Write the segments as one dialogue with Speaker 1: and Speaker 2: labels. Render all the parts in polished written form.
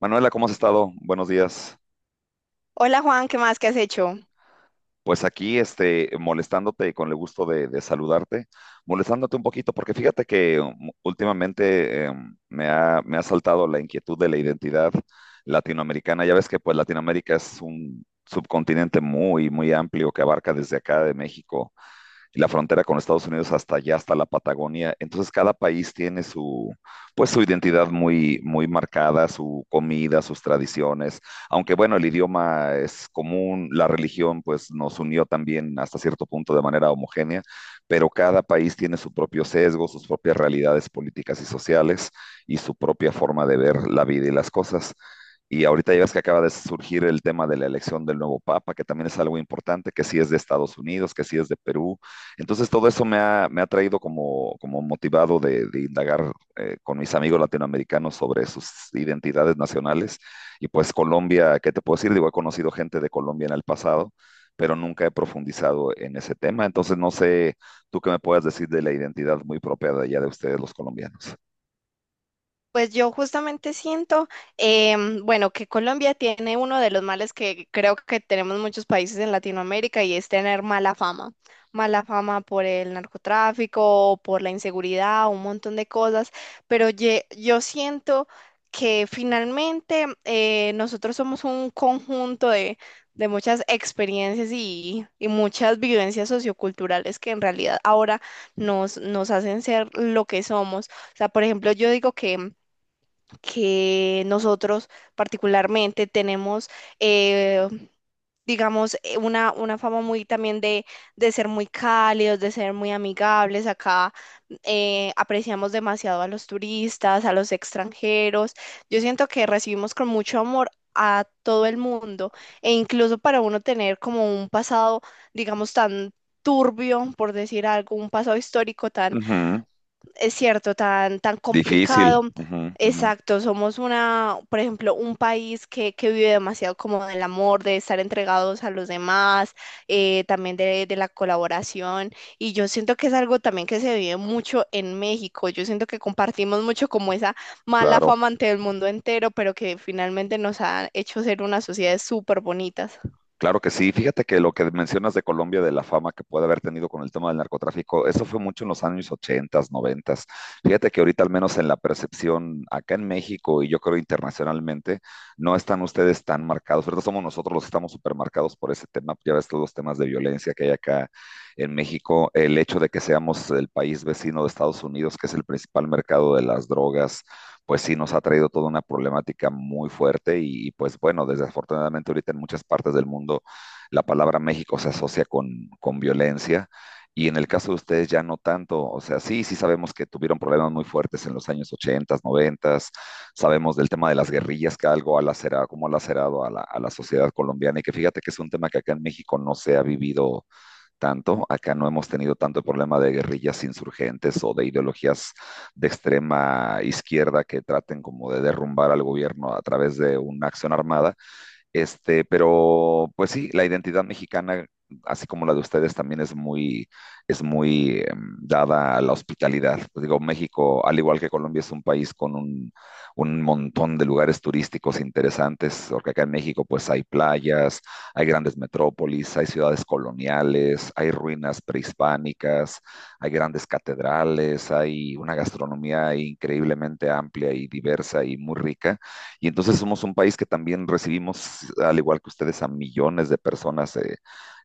Speaker 1: Manuela, ¿cómo has estado? Buenos días.
Speaker 2: Hola Juan, ¿qué más? ¿Qué has hecho?
Speaker 1: Pues aquí, molestándote con el gusto de saludarte, molestándote un poquito, porque fíjate que últimamente me ha saltado la inquietud de la identidad latinoamericana. Ya ves que pues Latinoamérica es un subcontinente muy, muy amplio que abarca desde acá de México y la frontera con Estados Unidos hasta allá, hasta la Patagonia. Entonces cada país tiene su, pues su identidad muy, muy marcada, su comida, sus tradiciones, aunque bueno, el idioma es común, la religión pues nos unió también hasta cierto punto de manera homogénea, pero cada país tiene su propio sesgo, sus propias realidades políticas y sociales y su propia forma de ver la vida y las cosas. Y ahorita ya ves que acaba de surgir el tema de la elección del nuevo Papa, que también es algo importante, que sí es de Estados Unidos, que sí es de Perú. Entonces todo eso me ha traído como motivado de indagar con mis amigos latinoamericanos sobre sus identidades nacionales. Y pues Colombia, ¿qué te puedo decir? Digo, he conocido gente de Colombia en el pasado, pero nunca he profundizado en ese tema. Entonces no sé tú qué me puedas decir de la identidad muy propia de allá de ustedes los colombianos.
Speaker 2: Pues yo justamente siento, bueno, que Colombia tiene uno de los males que creo que tenemos muchos países en Latinoamérica y es tener mala fama. Mala fama por el narcotráfico, por la inseguridad, un montón de cosas, pero yo siento que finalmente nosotros somos un conjunto de muchas experiencias y muchas vivencias socioculturales que en realidad ahora nos hacen ser lo que somos. O sea, por ejemplo, yo digo que nosotros particularmente tenemos, eh, digamos, una fama muy también de ser muy cálidos, de ser muy amigables. Acá apreciamos demasiado a los turistas, a los extranjeros. Yo siento que recibimos con mucho amor a todo el mundo e incluso para uno tener como un pasado, digamos, tan turbio, por decir algo, un pasado histórico tan
Speaker 1: Ujú.
Speaker 2: es cierto, tan, tan
Speaker 1: Difícil.
Speaker 2: complicado.
Speaker 1: Ujú, ujú.
Speaker 2: Exacto, somos una, por ejemplo, un país que vive demasiado como del amor, de estar entregados a los demás, también de la colaboración. Y yo siento que es algo también que se vive mucho en México. Yo siento que compartimos mucho como esa mala
Speaker 1: Claro.
Speaker 2: fama ante el mundo entero, pero que finalmente nos ha hecho ser unas sociedades súper bonitas.
Speaker 1: Claro que sí. Fíjate que lo que mencionas de Colombia, de la fama que puede haber tenido con el tema del narcotráfico, eso fue mucho en los años 80, 90. Fíjate que ahorita, al menos en la percepción acá en México y yo creo internacionalmente, no están ustedes tan marcados. Ahorita somos nosotros los que estamos supermarcados por ese tema. Ya ves todos los temas de violencia que hay acá en México. El hecho de que seamos el país vecino de Estados Unidos, que es el principal mercado de las drogas, pues sí nos ha traído toda una problemática muy fuerte y, pues bueno, desafortunadamente ahorita en muchas partes del mundo la palabra México se asocia con, violencia. Y en el caso de ustedes ya no tanto, o sea, sí, sí sabemos que tuvieron problemas muy fuertes en los años 80, 90, sabemos del tema de las guerrillas, que algo ha lacerado, como ha lacerado a la sociedad colombiana, y que fíjate que es un tema que acá en México no se ha vivido tanto. Acá no hemos tenido tanto problema de guerrillas insurgentes o de ideologías de extrema izquierda que traten como de derrumbar al gobierno a través de una acción armada, pero pues sí, la identidad mexicana, así como la de ustedes, también es muy dada a la hospitalidad. Pues digo, México, al igual que Colombia, es un país con un montón de lugares turísticos interesantes, porque acá en México pues hay playas, hay grandes metrópolis, hay ciudades coloniales, hay ruinas prehispánicas, hay grandes catedrales, hay una gastronomía increíblemente amplia y diversa y muy rica. Y entonces somos un país que también recibimos, al igual que ustedes, a millones de personas eh,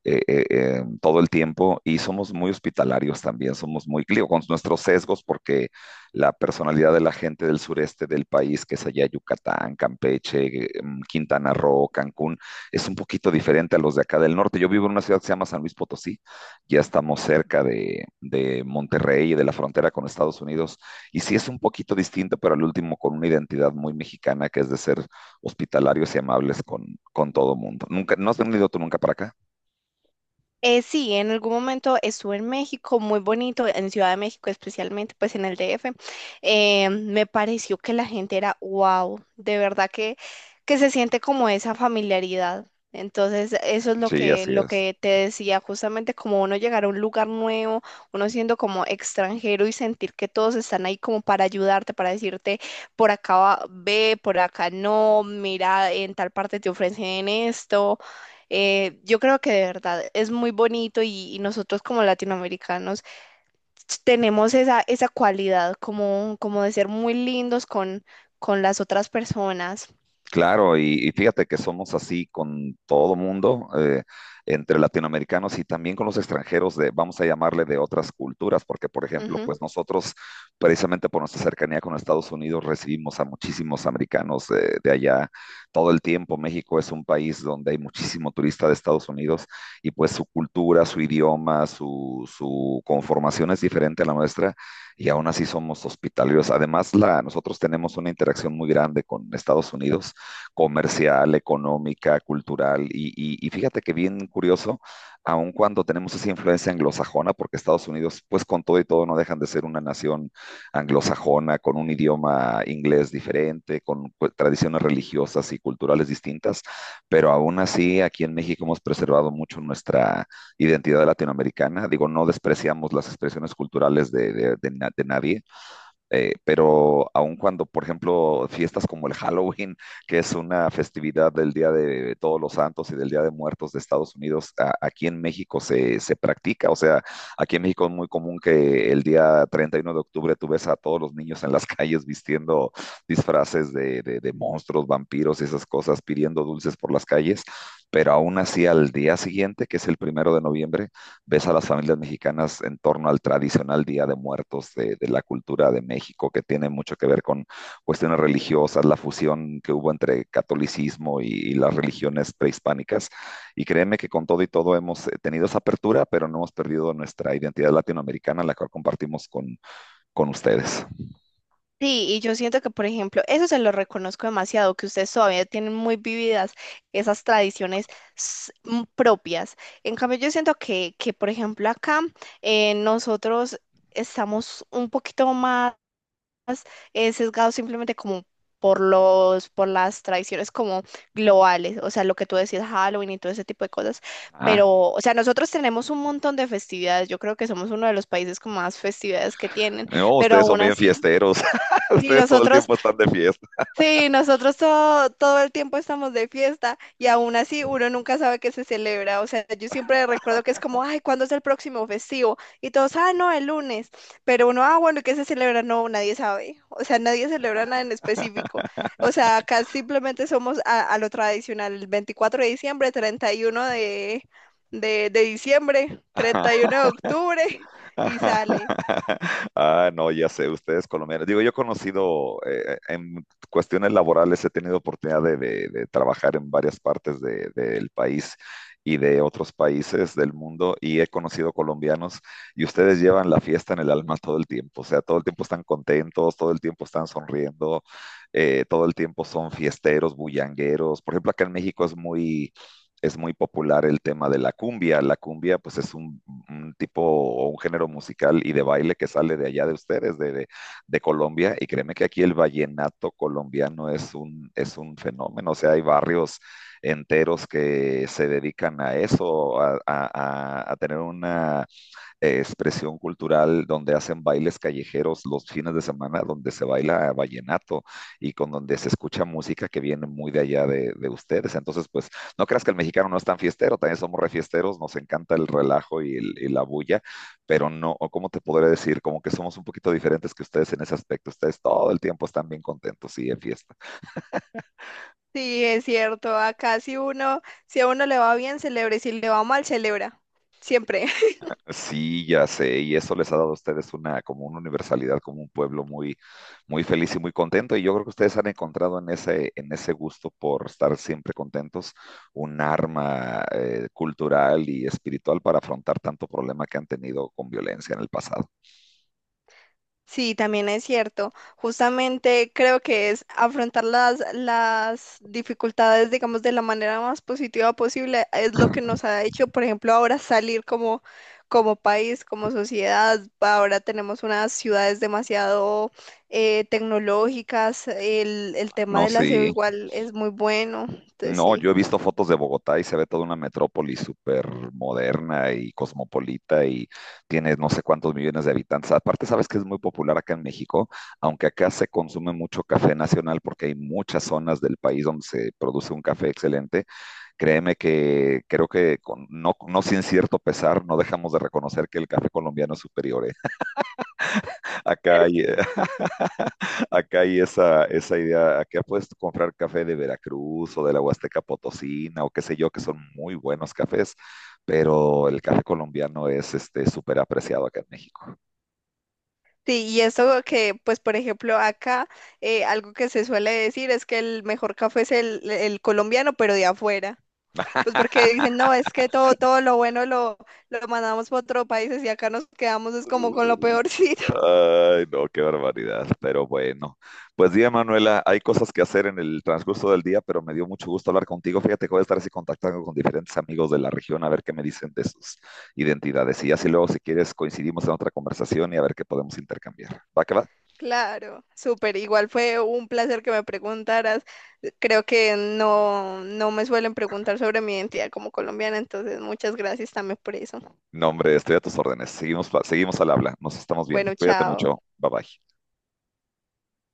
Speaker 1: eh, eh, eh, todo el tiempo, y somos muy hospitalarios también, somos muy, digo, con nuestros sesgos, porque la personalidad de la gente del sureste del país, que es allá Yucatán, Campeche, Quintana Roo, Cancún, es un poquito diferente a los de acá del norte. Yo vivo en una ciudad que se llama San Luis Potosí, ya estamos cerca de, Monterrey y de la frontera con Estados Unidos, y sí es un poquito distinto, pero al último con una identidad muy mexicana, que es de ser hospitalarios y amables con, todo mundo. Nunca, ¿No has venido tú nunca para acá?
Speaker 2: Sí, en algún momento estuve en México, muy bonito, en Ciudad de México, especialmente pues en el DF. Me pareció que la gente era wow, de verdad que se siente como esa familiaridad. Entonces, eso es
Speaker 1: Sí, así
Speaker 2: lo
Speaker 1: es.
Speaker 2: que te decía, justamente como uno llegar a un lugar nuevo, uno siendo como extranjero y sentir que todos están ahí como para ayudarte, para decirte, por acá ve, por acá no, mira, en tal parte te ofrecen esto. Yo creo que de verdad es muy bonito y nosotros como latinoamericanos tenemos esa, esa cualidad como, como de ser muy lindos con las otras personas.
Speaker 1: Claro, y fíjate que somos así con todo mundo, entre latinoamericanos y también con los extranjeros de, vamos a llamarle, de otras culturas, porque por ejemplo,
Speaker 2: Ujú.
Speaker 1: pues nosotros, precisamente por nuestra cercanía con Estados Unidos, recibimos a muchísimos americanos de allá todo el tiempo. México es un país donde hay muchísimo turista de Estados Unidos, y pues su cultura, su idioma, su conformación es diferente a la nuestra, y aún así somos hospitalarios. Además, nosotros tenemos una interacción muy grande con Estados Unidos: comercial, económica, cultural. Y fíjate que bien curioso, aun cuando tenemos esa influencia anglosajona, porque Estados Unidos, pues con todo y todo, no dejan de ser una nación anglosajona, con un idioma inglés diferente, con, pues, tradiciones religiosas y culturales distintas, pero aún así aquí en México hemos preservado mucho nuestra identidad latinoamericana. Digo, no despreciamos las expresiones culturales de nadie, pero aun cuando, por ejemplo, fiestas como el Halloween, que es una festividad del Día de Todos los Santos y del Día de Muertos de Estados Unidos, aquí en México se, practica. O sea, aquí en México es muy común que el día 31 de octubre tú ves a todos los niños en las calles vistiendo disfraces de monstruos, vampiros y esas cosas, pidiendo dulces por las calles. Pero aún así, al día siguiente, que es el 1 de noviembre, ves a las familias mexicanas en torno al tradicional Día de Muertos, la cultura de México, que tiene mucho que ver con cuestiones religiosas, la fusión que hubo entre catolicismo las religiones prehispánicas. Y créeme que con todo y todo hemos tenido esa apertura, pero no hemos perdido nuestra identidad latinoamericana, la cual compartimos con ustedes.
Speaker 2: Sí, y yo siento que, por ejemplo, eso se lo reconozco demasiado, que ustedes todavía tienen muy vividas esas tradiciones propias. En cambio, yo siento que por ejemplo, acá nosotros estamos un poquito más sesgado simplemente como por los, por las tradiciones como globales, o sea, lo que tú decías, Halloween y todo ese tipo de cosas,
Speaker 1: ¿Ah?
Speaker 2: pero, o sea, nosotros tenemos un montón de festividades, yo creo que somos uno de los países con más festividades que tienen,
Speaker 1: No,
Speaker 2: pero
Speaker 1: ustedes son
Speaker 2: aún
Speaker 1: bien
Speaker 2: así,
Speaker 1: fiesteros.
Speaker 2: sí,
Speaker 1: Ustedes todo el
Speaker 2: nosotros
Speaker 1: tiempo están de fiesta.
Speaker 2: Sí, nosotros todo, todo el tiempo estamos de fiesta y aún así uno nunca sabe qué se celebra. O sea, yo siempre recuerdo que es como, ay, ¿cuándo es el próximo festivo? Y todos, ah, no, el lunes. Pero uno, ah, bueno, ¿y qué se celebra? No, nadie sabe. O sea, nadie celebra nada en específico. O sea, acá simplemente somos a lo tradicional, el 24 de diciembre, 31 de, de diciembre, 31 de octubre y sale.
Speaker 1: Ah, no, ya sé, ustedes colombianos. Digo, yo he conocido en cuestiones laborales, he tenido oportunidad de trabajar en varias partes del país y de otros países del mundo, y he conocido colombianos y ustedes llevan la fiesta en el alma todo el tiempo. O sea, todo el tiempo están contentos, todo el tiempo están sonriendo, todo el tiempo son fiesteros, bullangueros. Por ejemplo, acá en México es muy popular el tema de la cumbia. La cumbia, pues, es un tipo o un género musical y de baile que sale de allá de ustedes, de, de, Colombia. Y créeme que aquí el vallenato colombiano es un fenómeno. O sea, hay barrios enteros que se dedican a eso, a tener una expresión cultural donde hacen bailes callejeros los fines de semana, donde se baila vallenato y con donde se escucha música que viene muy de allá de ustedes. Entonces, pues no creas que el mexicano no es tan fiestero, también somos refiesteros, nos encanta el relajo y la bulla, pero no, o ¿cómo te podré decir? Como que somos un poquito diferentes que ustedes en ese aspecto. Ustedes todo el tiempo están bien contentos y en fiesta.
Speaker 2: Sí, es cierto. Acá si uno, si a uno le va bien, celebra, y si le va mal, celebra. Siempre.
Speaker 1: Sí, ya sé, y eso les ha dado a ustedes una, como una universalidad, como un pueblo muy, muy feliz y muy contento, y yo creo que ustedes han encontrado en ese, en ese gusto por estar siempre contentos un arma cultural y espiritual para afrontar tanto problema que han tenido con violencia en el pasado.
Speaker 2: Sí, también es cierto. Justamente creo que es afrontar las dificultades, digamos, de la manera más positiva posible, es lo
Speaker 1: Ah.
Speaker 2: que nos ha hecho, por ejemplo, ahora salir como, como país, como sociedad. Ahora tenemos unas ciudades demasiado tecnológicas, el tema
Speaker 1: No,
Speaker 2: del aseo
Speaker 1: sí.
Speaker 2: igual es muy bueno. Entonces,
Speaker 1: No,
Speaker 2: sí.
Speaker 1: yo he visto fotos de Bogotá y se ve toda una metrópoli súper moderna y cosmopolita, y tiene no sé cuántos millones de habitantes. Aparte, sabes que es muy popular acá en México, aunque acá se consume mucho café nacional porque hay muchas zonas del país donde se produce un café excelente. Créeme que creo que no sin cierto pesar no dejamos de reconocer que el café colombiano es superior, ¿eh? Acá hay, eh, Acá hay esa, idea. Acá puedes comprar café de Veracruz o de la Huasteca Potosina o qué sé yo, que son muy buenos cafés, pero el café colombiano es súper apreciado acá en México.
Speaker 2: Sí, y eso que, pues, por ejemplo, acá algo que se suele decir es que el mejor café es el colombiano, pero de afuera. Pues porque dicen, no, es que todo, todo lo bueno lo mandamos para otros países y acá nos quedamos es como con lo peorcito.
Speaker 1: Ay, no, qué barbaridad, pero bueno. Pues día, Manuela, hay cosas que hacer en el transcurso del día, pero me dio mucho gusto hablar contigo. Fíjate que voy a estar así contactando con diferentes amigos de la región a ver qué me dicen de sus identidades, y así luego, si quieres, coincidimos en otra conversación y a ver qué podemos intercambiar. ¿Va que va?
Speaker 2: Claro, súper. Igual fue un placer que me preguntaras. Creo que no, no me suelen preguntar sobre mi identidad como colombiana, entonces muchas gracias también por eso.
Speaker 1: No, hombre, estoy a tus órdenes. Seguimos, seguimos al habla. Nos estamos viendo.
Speaker 2: Bueno,
Speaker 1: Cuídate
Speaker 2: chao.
Speaker 1: mucho. Bye bye.